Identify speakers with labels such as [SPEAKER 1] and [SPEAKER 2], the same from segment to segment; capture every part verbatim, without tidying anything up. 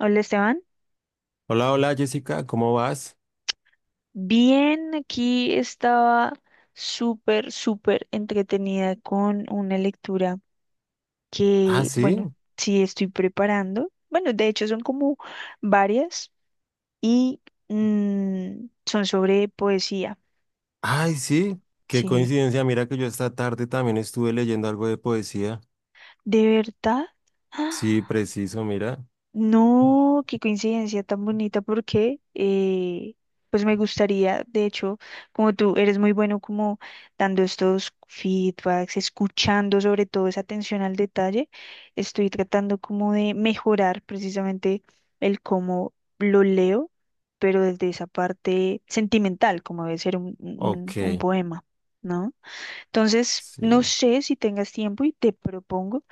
[SPEAKER 1] Hola Esteban,
[SPEAKER 2] Hola, hola Jessica, ¿cómo vas?
[SPEAKER 1] bien, aquí estaba súper, súper entretenida con una lectura
[SPEAKER 2] Ah,
[SPEAKER 1] que,
[SPEAKER 2] sí.
[SPEAKER 1] bueno, sí estoy preparando. Bueno, de hecho son como varias y mm, son sobre poesía.
[SPEAKER 2] Ay, sí. Qué
[SPEAKER 1] Sí,
[SPEAKER 2] coincidencia. Mira que yo esta tarde también estuve leyendo algo de poesía.
[SPEAKER 1] de verdad.
[SPEAKER 2] Sí, preciso, mira.
[SPEAKER 1] No, qué coincidencia tan bonita porque eh, pues me gustaría, de hecho, como tú eres muy bueno como dando estos feedbacks, escuchando sobre todo esa atención al detalle, estoy tratando como de mejorar precisamente el cómo lo leo, pero desde esa parte sentimental, como debe ser un, un
[SPEAKER 2] Ok,
[SPEAKER 1] un poema, ¿no? Entonces,
[SPEAKER 2] sí.
[SPEAKER 1] no sé si tengas tiempo y te propongo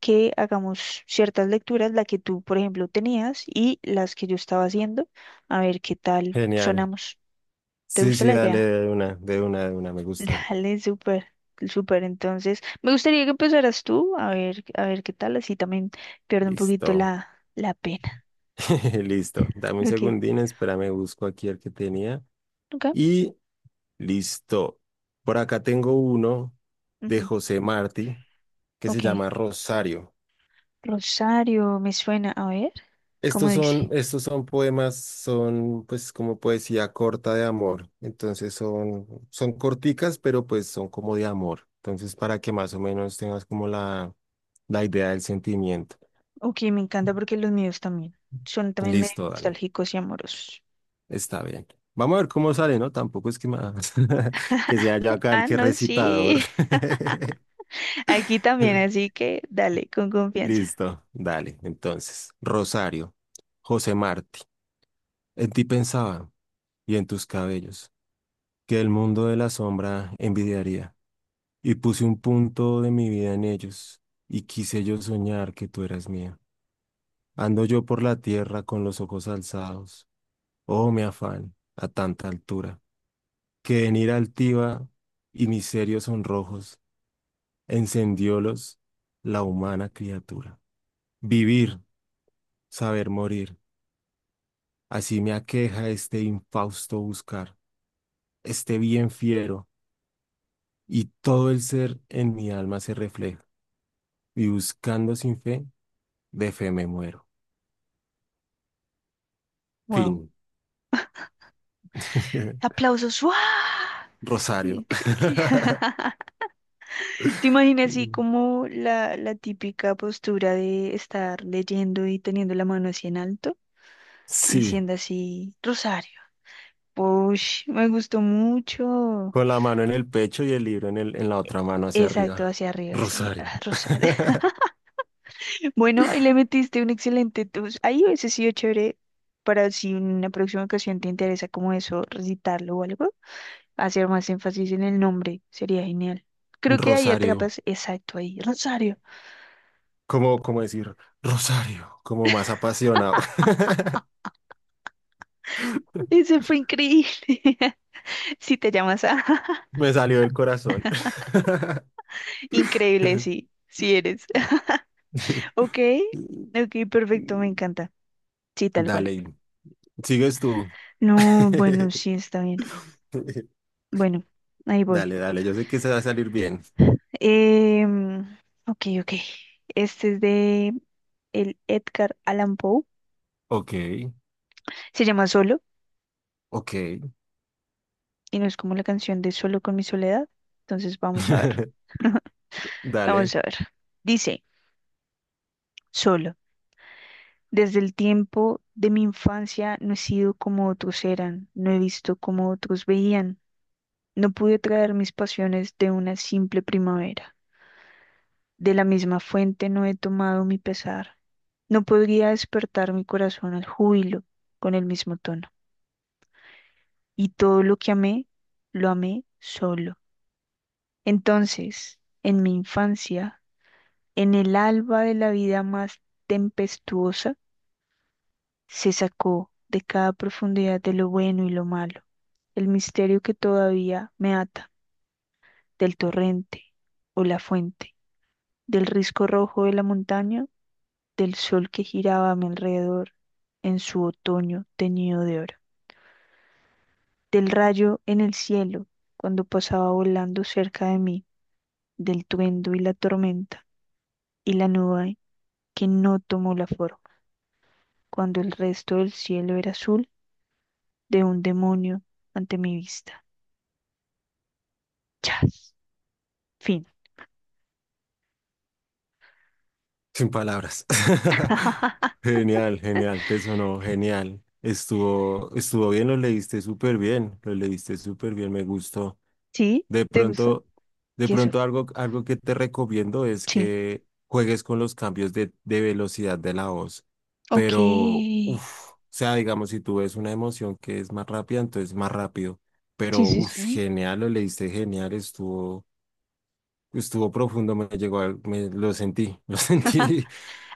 [SPEAKER 1] que hagamos ciertas lecturas, la que tú, por ejemplo, tenías y las que yo estaba haciendo, a ver qué tal
[SPEAKER 2] Genial.
[SPEAKER 1] sonamos. ¿Te
[SPEAKER 2] Sí,
[SPEAKER 1] gusta
[SPEAKER 2] sí,
[SPEAKER 1] la
[SPEAKER 2] dale
[SPEAKER 1] idea?
[SPEAKER 2] de una, de una, de una. Me gusta.
[SPEAKER 1] Dale, súper, súper. Entonces, me gustaría que empezaras tú, a ver, a ver qué tal, así también pierdo un poquito
[SPEAKER 2] Listo.
[SPEAKER 1] la, la pena.
[SPEAKER 2] Listo. Dame un
[SPEAKER 1] Ok,
[SPEAKER 2] segundín, espérame, busco aquí el que tenía.
[SPEAKER 1] ok,
[SPEAKER 2] Y listo. Por acá tengo uno de
[SPEAKER 1] ujú,
[SPEAKER 2] José Martí que se
[SPEAKER 1] ok.
[SPEAKER 2] llama Rosario.
[SPEAKER 1] Rosario, me suena, a ver, ¿cómo
[SPEAKER 2] Estos son,
[SPEAKER 1] dice?
[SPEAKER 2] estos son poemas, son pues como poesía corta de amor. Entonces son, son corticas, pero pues son como de amor. Entonces para que más o menos tengas como la, la idea del sentimiento.
[SPEAKER 1] Ok, me encanta porque los míos también son también medio
[SPEAKER 2] Listo, dale.
[SPEAKER 1] nostálgicos y amorosos.
[SPEAKER 2] Está bien. Vamos a ver cómo sale, ¿no? Tampoco es que más que sea yo acá el
[SPEAKER 1] Ah,
[SPEAKER 2] que
[SPEAKER 1] no,
[SPEAKER 2] recitador.
[SPEAKER 1] sí. Aquí también, así que dale, con confianza.
[SPEAKER 2] Listo, dale. Entonces, Rosario, José Martí, en ti pensaba y en tus cabellos, que el mundo de la sombra envidiaría, y puse un punto de mi vida en ellos, y quise yo soñar que tú eras mía. Ando yo por la tierra con los ojos alzados, oh mi afán, a tanta altura, que en ira altiva y mis serios sonrojos encendiólos la humana criatura. Vivir, saber morir, así me aqueja este infausto buscar, este bien fiero, y todo el ser en mi alma se refleja. Y buscando sin fe, de fe me muero.
[SPEAKER 1] Wow.
[SPEAKER 2] Fin.
[SPEAKER 1] ¡Aplausos! ¡Wow!
[SPEAKER 2] Rosario.
[SPEAKER 1] Increíble. ¿Te imaginas así como la, la típica postura de estar leyendo y teniendo la mano así en alto,
[SPEAKER 2] Sí,
[SPEAKER 1] diciendo así, Rosario? Push, me gustó mucho.
[SPEAKER 2] con la mano en el pecho y el libro en el, en la otra mano hacia
[SPEAKER 1] Exacto,
[SPEAKER 2] arriba.
[SPEAKER 1] hacia arriba, así,
[SPEAKER 2] Rosario.
[SPEAKER 1] ah, Rosario. Bueno, y le metiste un excelente tus. Ahí hubiese sido chévere para si en una próxima ocasión te interesa como eso, recitarlo o algo, hacer más énfasis en el nombre, sería genial. Creo que ahí
[SPEAKER 2] Rosario.
[SPEAKER 1] atrapas, exacto, ahí, Rosario.
[SPEAKER 2] ¿Cómo, cómo decir? Rosario. Como más apasionado.
[SPEAKER 1] Ese fue increíble. Si te llamas a
[SPEAKER 2] Me salió del corazón.
[SPEAKER 1] increíble, sí, sí eres. Ok, ok, perfecto, me encanta. Sí, tal cual.
[SPEAKER 2] Dale, sigues tú.
[SPEAKER 1] No, bueno, sí, está bien. Bueno, ahí voy.
[SPEAKER 2] Dale, dale, yo sé que se va a salir bien.
[SPEAKER 1] Em, ok, ok. Este es de el Edgar Allan Poe.
[SPEAKER 2] Ok,
[SPEAKER 1] Se llama Solo
[SPEAKER 2] ok.
[SPEAKER 1] y no es como la canción de Solo con mi soledad. Entonces vamos a ver. Vamos
[SPEAKER 2] Dale,
[SPEAKER 1] a ver. Dice, Solo. Desde el tiempo de mi infancia no he sido como otros eran, no he visto como otros veían, no pude traer mis pasiones de una simple primavera. De la misma fuente no he tomado mi pesar, no podría despertar mi corazón al júbilo con el mismo tono. Y todo lo que amé, lo amé solo. Entonces, en mi infancia, en el alba de la vida más tempestuosa, se sacó de cada profundidad de lo bueno y lo malo, el misterio que todavía me ata del torrente o la fuente, del risco rojo de la montaña, del sol que giraba a mi alrededor en su otoño teñido de oro, del rayo en el cielo cuando pasaba volando cerca de mí, del tuendo y la tormenta y la nube que no tomó la forma, cuando el resto del cielo era azul de un demonio ante mi vista. Chas. Fin.
[SPEAKER 2] sin palabras. Genial, genial, te sonó genial. Estuvo, estuvo bien, lo leíste súper bien, lo leíste súper bien, me gustó.
[SPEAKER 1] ¿Sí?
[SPEAKER 2] De
[SPEAKER 1] ¿Te gusta?
[SPEAKER 2] pronto, de
[SPEAKER 1] Queso.
[SPEAKER 2] pronto algo, algo que te recomiendo es
[SPEAKER 1] Sí.
[SPEAKER 2] que juegues con los cambios de, de velocidad de la voz.
[SPEAKER 1] Ok.
[SPEAKER 2] Pero,
[SPEAKER 1] Sí,
[SPEAKER 2] uff, o sea, digamos, si tú ves una emoción que es más rápida, entonces más rápido.
[SPEAKER 1] sí,
[SPEAKER 2] Pero, uff,
[SPEAKER 1] sí.
[SPEAKER 2] genial, lo leíste genial, estuvo. Estuvo profundo, me llegó, al- me, lo sentí, lo sentí,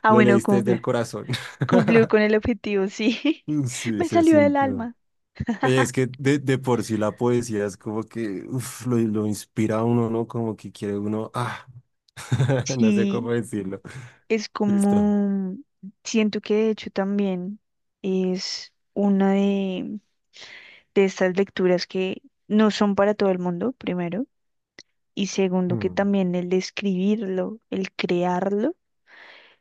[SPEAKER 1] Ah,
[SPEAKER 2] lo
[SPEAKER 1] bueno,
[SPEAKER 2] leíste desde el
[SPEAKER 1] cumple.
[SPEAKER 2] corazón.
[SPEAKER 1] Cumplió con el objetivo, sí.
[SPEAKER 2] Sí,
[SPEAKER 1] Me
[SPEAKER 2] se
[SPEAKER 1] salió del
[SPEAKER 2] sintió.
[SPEAKER 1] alma.
[SPEAKER 2] Oye, es que de, de por sí la poesía es como que uf, lo, lo inspira a uno, ¿no? Como que quiere uno, ah, no sé cómo
[SPEAKER 1] Sí,
[SPEAKER 2] decirlo.
[SPEAKER 1] es
[SPEAKER 2] Listo.
[SPEAKER 1] como, siento que de hecho también es una de, de estas lecturas que no son para todo el mundo, primero, y segundo que
[SPEAKER 2] Mm.
[SPEAKER 1] también el escribirlo, el crearlo,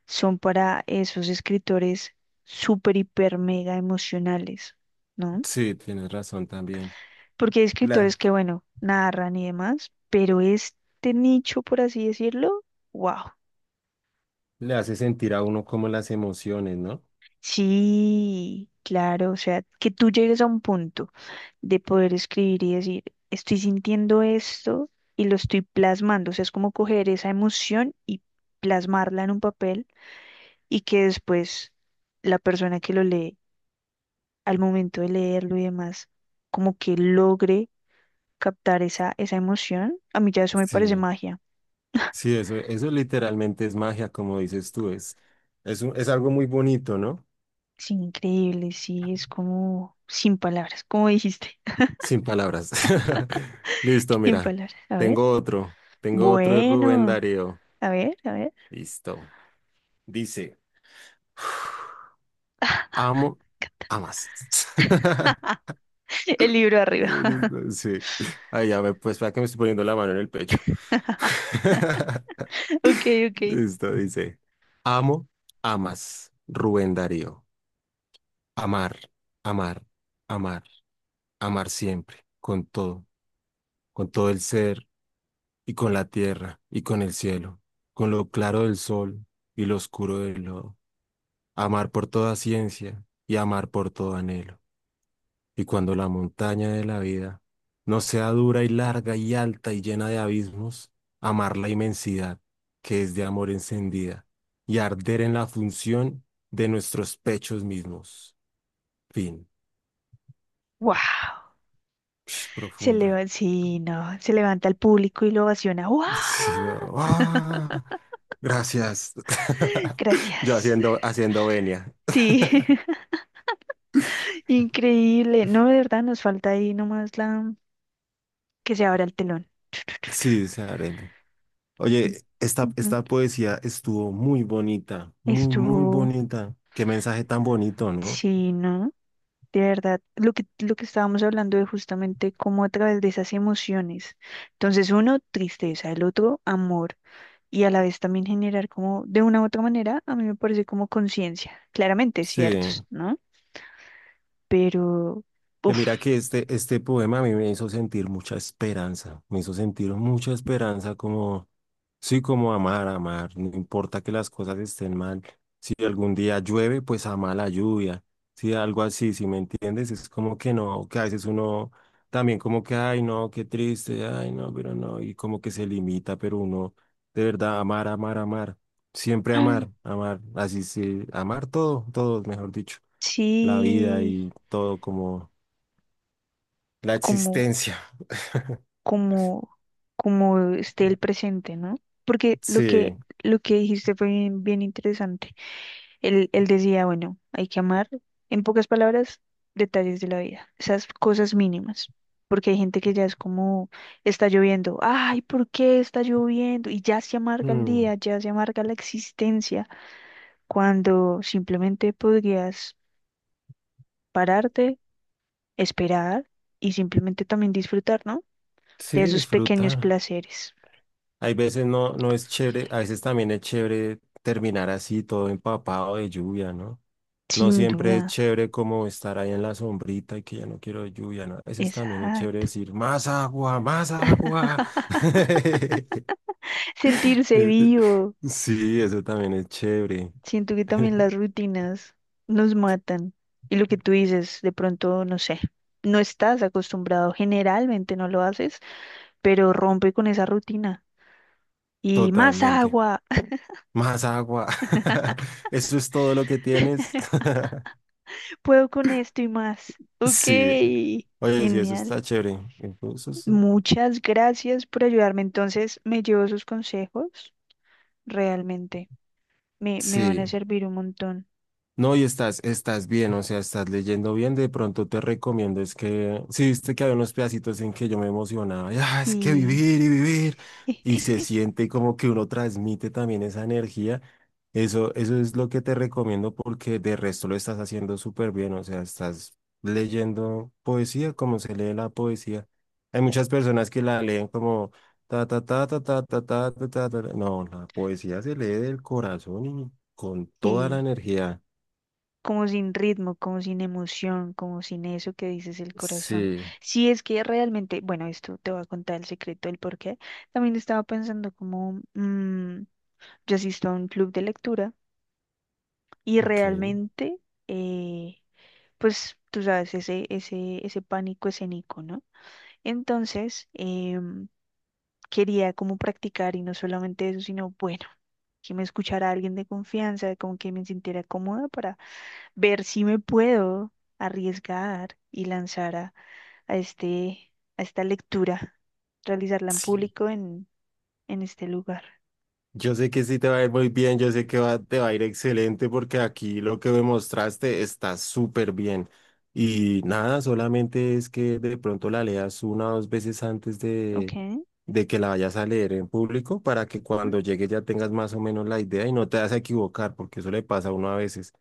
[SPEAKER 1] son para esos escritores súper, hiper, mega emocionales, ¿no?
[SPEAKER 2] Sí, tienes razón también.
[SPEAKER 1] Porque hay
[SPEAKER 2] La,
[SPEAKER 1] escritores que, bueno, narran y demás, pero este nicho, por así decirlo, wow.
[SPEAKER 2] le hace sentir a uno como las emociones, ¿no?
[SPEAKER 1] Sí, claro, o sea, que tú llegues a un punto de poder escribir y decir, estoy sintiendo esto y lo estoy plasmando, o sea, es como coger esa emoción y plasmarla en un papel y que después la persona que lo lee, al momento de leerlo y demás, como que logre captar esa, esa emoción, a mí ya eso me parece
[SPEAKER 2] Sí,
[SPEAKER 1] magia.
[SPEAKER 2] sí, eso, eso literalmente es magia, como dices tú, es, es, un- es algo muy bonito, ¿no?
[SPEAKER 1] Sí, increíble, sí, es como sin palabras, como dijiste,
[SPEAKER 2] Sin palabras. Listo,
[SPEAKER 1] sin
[SPEAKER 2] mira.
[SPEAKER 1] palabras. A ver,
[SPEAKER 2] Tengo otro. Tengo otro de Rubén
[SPEAKER 1] bueno,
[SPEAKER 2] Darío.
[SPEAKER 1] a ver, a ver,
[SPEAKER 2] Listo. Dice, amo, amas.
[SPEAKER 1] el libro arriba.
[SPEAKER 2] Listo, sí. Ay, ya me, pues para que me estoy poniendo la mano en el pecho.
[SPEAKER 1] Ok, ok.
[SPEAKER 2] Listo, dice, amo, amas, Rubén Darío. Amar, amar, amar, amar siempre, con todo, con todo el ser, y con la tierra, y con el cielo, con lo claro del sol y lo oscuro del lodo. Amar por toda ciencia y amar por todo anhelo. Y cuando la montaña de la vida no sea dura y larga y alta y llena de abismos, amar la inmensidad que es de amor encendida y arder en la función de nuestros pechos mismos. Fin.
[SPEAKER 1] Wow.
[SPEAKER 2] Psh,
[SPEAKER 1] Se
[SPEAKER 2] profunda.
[SPEAKER 1] levanta, sí, no, se levanta el público y lo ovaciona. ¡Wow!
[SPEAKER 2] Sí, no. ¡Ah! Gracias. Yo
[SPEAKER 1] Gracias.
[SPEAKER 2] haciendo, haciendo venia.
[SPEAKER 1] Sí. Increíble. No, de verdad, nos falta ahí nomás la que se abra el telón.
[SPEAKER 2] Sí, se arena. Oye, esta,
[SPEAKER 1] Ujú.
[SPEAKER 2] esta poesía estuvo muy bonita, muy, muy
[SPEAKER 1] Estuvo,
[SPEAKER 2] bonita. Qué mensaje tan bonito, ¿no?
[SPEAKER 1] sí, ¿no? De verdad, lo que, lo que estábamos hablando de justamente cómo a través de esas emociones. Entonces, uno, tristeza, el otro, amor. Y a la vez también generar como, de una u otra manera, a mí me parece como conciencia. Claramente,
[SPEAKER 2] Sí.
[SPEAKER 1] ciertos, ¿no? Pero,
[SPEAKER 2] Eh, mira
[SPEAKER 1] uff,
[SPEAKER 2] que este, este poema a mí me hizo sentir mucha esperanza, me hizo sentir mucha esperanza como, sí, como amar, amar, no importa que las cosas estén mal, si algún día llueve, pues ama la lluvia, si algo así, si me entiendes, es como que no, que a veces uno también como que, ay no, qué triste, ay no, pero no, y como que se limita, pero uno de verdad amar, amar, amar, siempre amar, amar, así sí, amar todo, todo, mejor dicho, la vida
[SPEAKER 1] sí,
[SPEAKER 2] y todo como... La
[SPEAKER 1] como
[SPEAKER 2] existencia.
[SPEAKER 1] como, como esté el presente, ¿no? Porque lo que,
[SPEAKER 2] Sí.
[SPEAKER 1] lo que dijiste fue bien, bien interesante. Él, él decía, bueno, hay que amar, en pocas palabras, detalles de la vida, esas cosas mínimas. Porque hay gente que ya es como, está lloviendo, ay, ¿por qué está lloviendo? Y ya se amarga el
[SPEAKER 2] Mm.
[SPEAKER 1] día, ya se amarga la existencia, cuando simplemente podrías pararte, esperar y simplemente también disfrutar, ¿no? De
[SPEAKER 2] Sí,
[SPEAKER 1] esos pequeños
[SPEAKER 2] disfrutar.
[SPEAKER 1] placeres.
[SPEAKER 2] Hay veces no, no es chévere, a veces también es chévere terminar así, todo empapado de lluvia, ¿no? No
[SPEAKER 1] Sin
[SPEAKER 2] siempre es
[SPEAKER 1] duda.
[SPEAKER 2] chévere como estar ahí en la sombrita y que ya no quiero lluvia, ¿no? A veces también es chévere
[SPEAKER 1] Exacto.
[SPEAKER 2] decir, más agua, más agua.
[SPEAKER 1] Sentirse vivo.
[SPEAKER 2] Sí, eso también es chévere,
[SPEAKER 1] Siento que también las rutinas nos matan. Y lo que tú dices, de pronto, no sé, no estás acostumbrado, generalmente no lo haces, pero rompe con esa rutina. Y más
[SPEAKER 2] totalmente.
[SPEAKER 1] agua,
[SPEAKER 2] Más agua. Eso es todo lo que tienes.
[SPEAKER 1] puedo con esto y más. Ok,
[SPEAKER 2] Sí. Oye, sí, eso
[SPEAKER 1] genial.
[SPEAKER 2] está chévere. Incluso sí.
[SPEAKER 1] Muchas gracias por ayudarme. Entonces, me llevo sus consejos, realmente. Me, me van
[SPEAKER 2] Sí.
[SPEAKER 1] a servir un montón.
[SPEAKER 2] No, y estás, estás bien, o sea, estás leyendo bien. De pronto te recomiendo, es que, ¿sí viste que había unos pedacitos en que yo me emocionaba, y, "Ah, es que
[SPEAKER 1] Y,
[SPEAKER 2] vivir y vivir, y se siente como que uno transmite también esa energía". Eso, eso es lo que te recomiendo porque de resto lo estás haciendo súper bien, o sea, estás leyendo poesía como se lee la poesía. Hay muchas personas que la leen como ta ta ta ta ta ta ta ta ta. Ta. No, la poesía se lee del corazón y con toda la
[SPEAKER 1] y
[SPEAKER 2] energía.
[SPEAKER 1] como sin ritmo, como sin emoción, como sin eso que dices el corazón.
[SPEAKER 2] Sí,
[SPEAKER 1] Si es que realmente, bueno, esto te voy a contar el secreto del por qué. También estaba pensando como, mm, yo asisto a un club de lectura y
[SPEAKER 2] ok,
[SPEAKER 1] realmente, eh, pues tú sabes, ese, ese, ese pánico escénico, ¿no? Entonces, em, quería como practicar y no solamente eso, sino, bueno, que me escuchara alguien de confianza, como que me sintiera cómoda para ver si me puedo arriesgar y lanzar a, a este, a esta lectura, realizarla en
[SPEAKER 2] sí.
[SPEAKER 1] público en, en este lugar.
[SPEAKER 2] Yo sé que sí te va a ir muy bien, yo sé que va- te va a ir excelente porque aquí lo que me mostraste está súper bien. Y nada, solamente es que de pronto la leas una o dos veces antes
[SPEAKER 1] Ok,
[SPEAKER 2] de, de que la vayas a leer en público para que
[SPEAKER 1] ujú.
[SPEAKER 2] cuando llegue ya tengas más o menos la idea y no te vas a equivocar porque eso le pasa a uno a veces.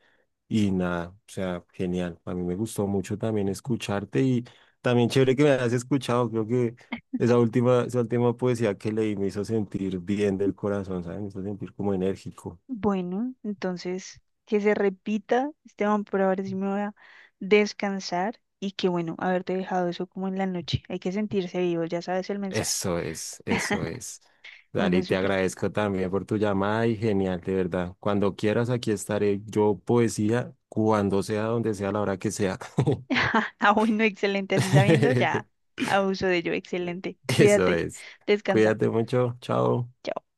[SPEAKER 2] Y nada, o sea, genial. A mí me gustó mucho también escucharte y también chévere que me hayas escuchado. Creo que esa última, esa última poesía que leí me hizo sentir bien del corazón, ¿sabes? Me hizo sentir como enérgico.
[SPEAKER 1] Bueno, entonces que se repita, Esteban, por ahora sí me voy a descansar y que bueno, haberte dejado eso como en la noche. Hay que sentirse vivo, ya sabes el mensaje.
[SPEAKER 2] Eso es, eso es. Dale,
[SPEAKER 1] Bueno,
[SPEAKER 2] y te
[SPEAKER 1] súper.
[SPEAKER 2] agradezco también por tu llamada y genial, de verdad. Cuando quieras, aquí estaré yo, poesía, cuando sea, donde sea, a la hora que sea.
[SPEAKER 1] Ah, bueno, excelente, así sabiendo ya abuso de ello, excelente.
[SPEAKER 2] Eso
[SPEAKER 1] Cuídate,
[SPEAKER 2] es.
[SPEAKER 1] descansa.
[SPEAKER 2] Cuídate mucho, chao.
[SPEAKER 1] Chao.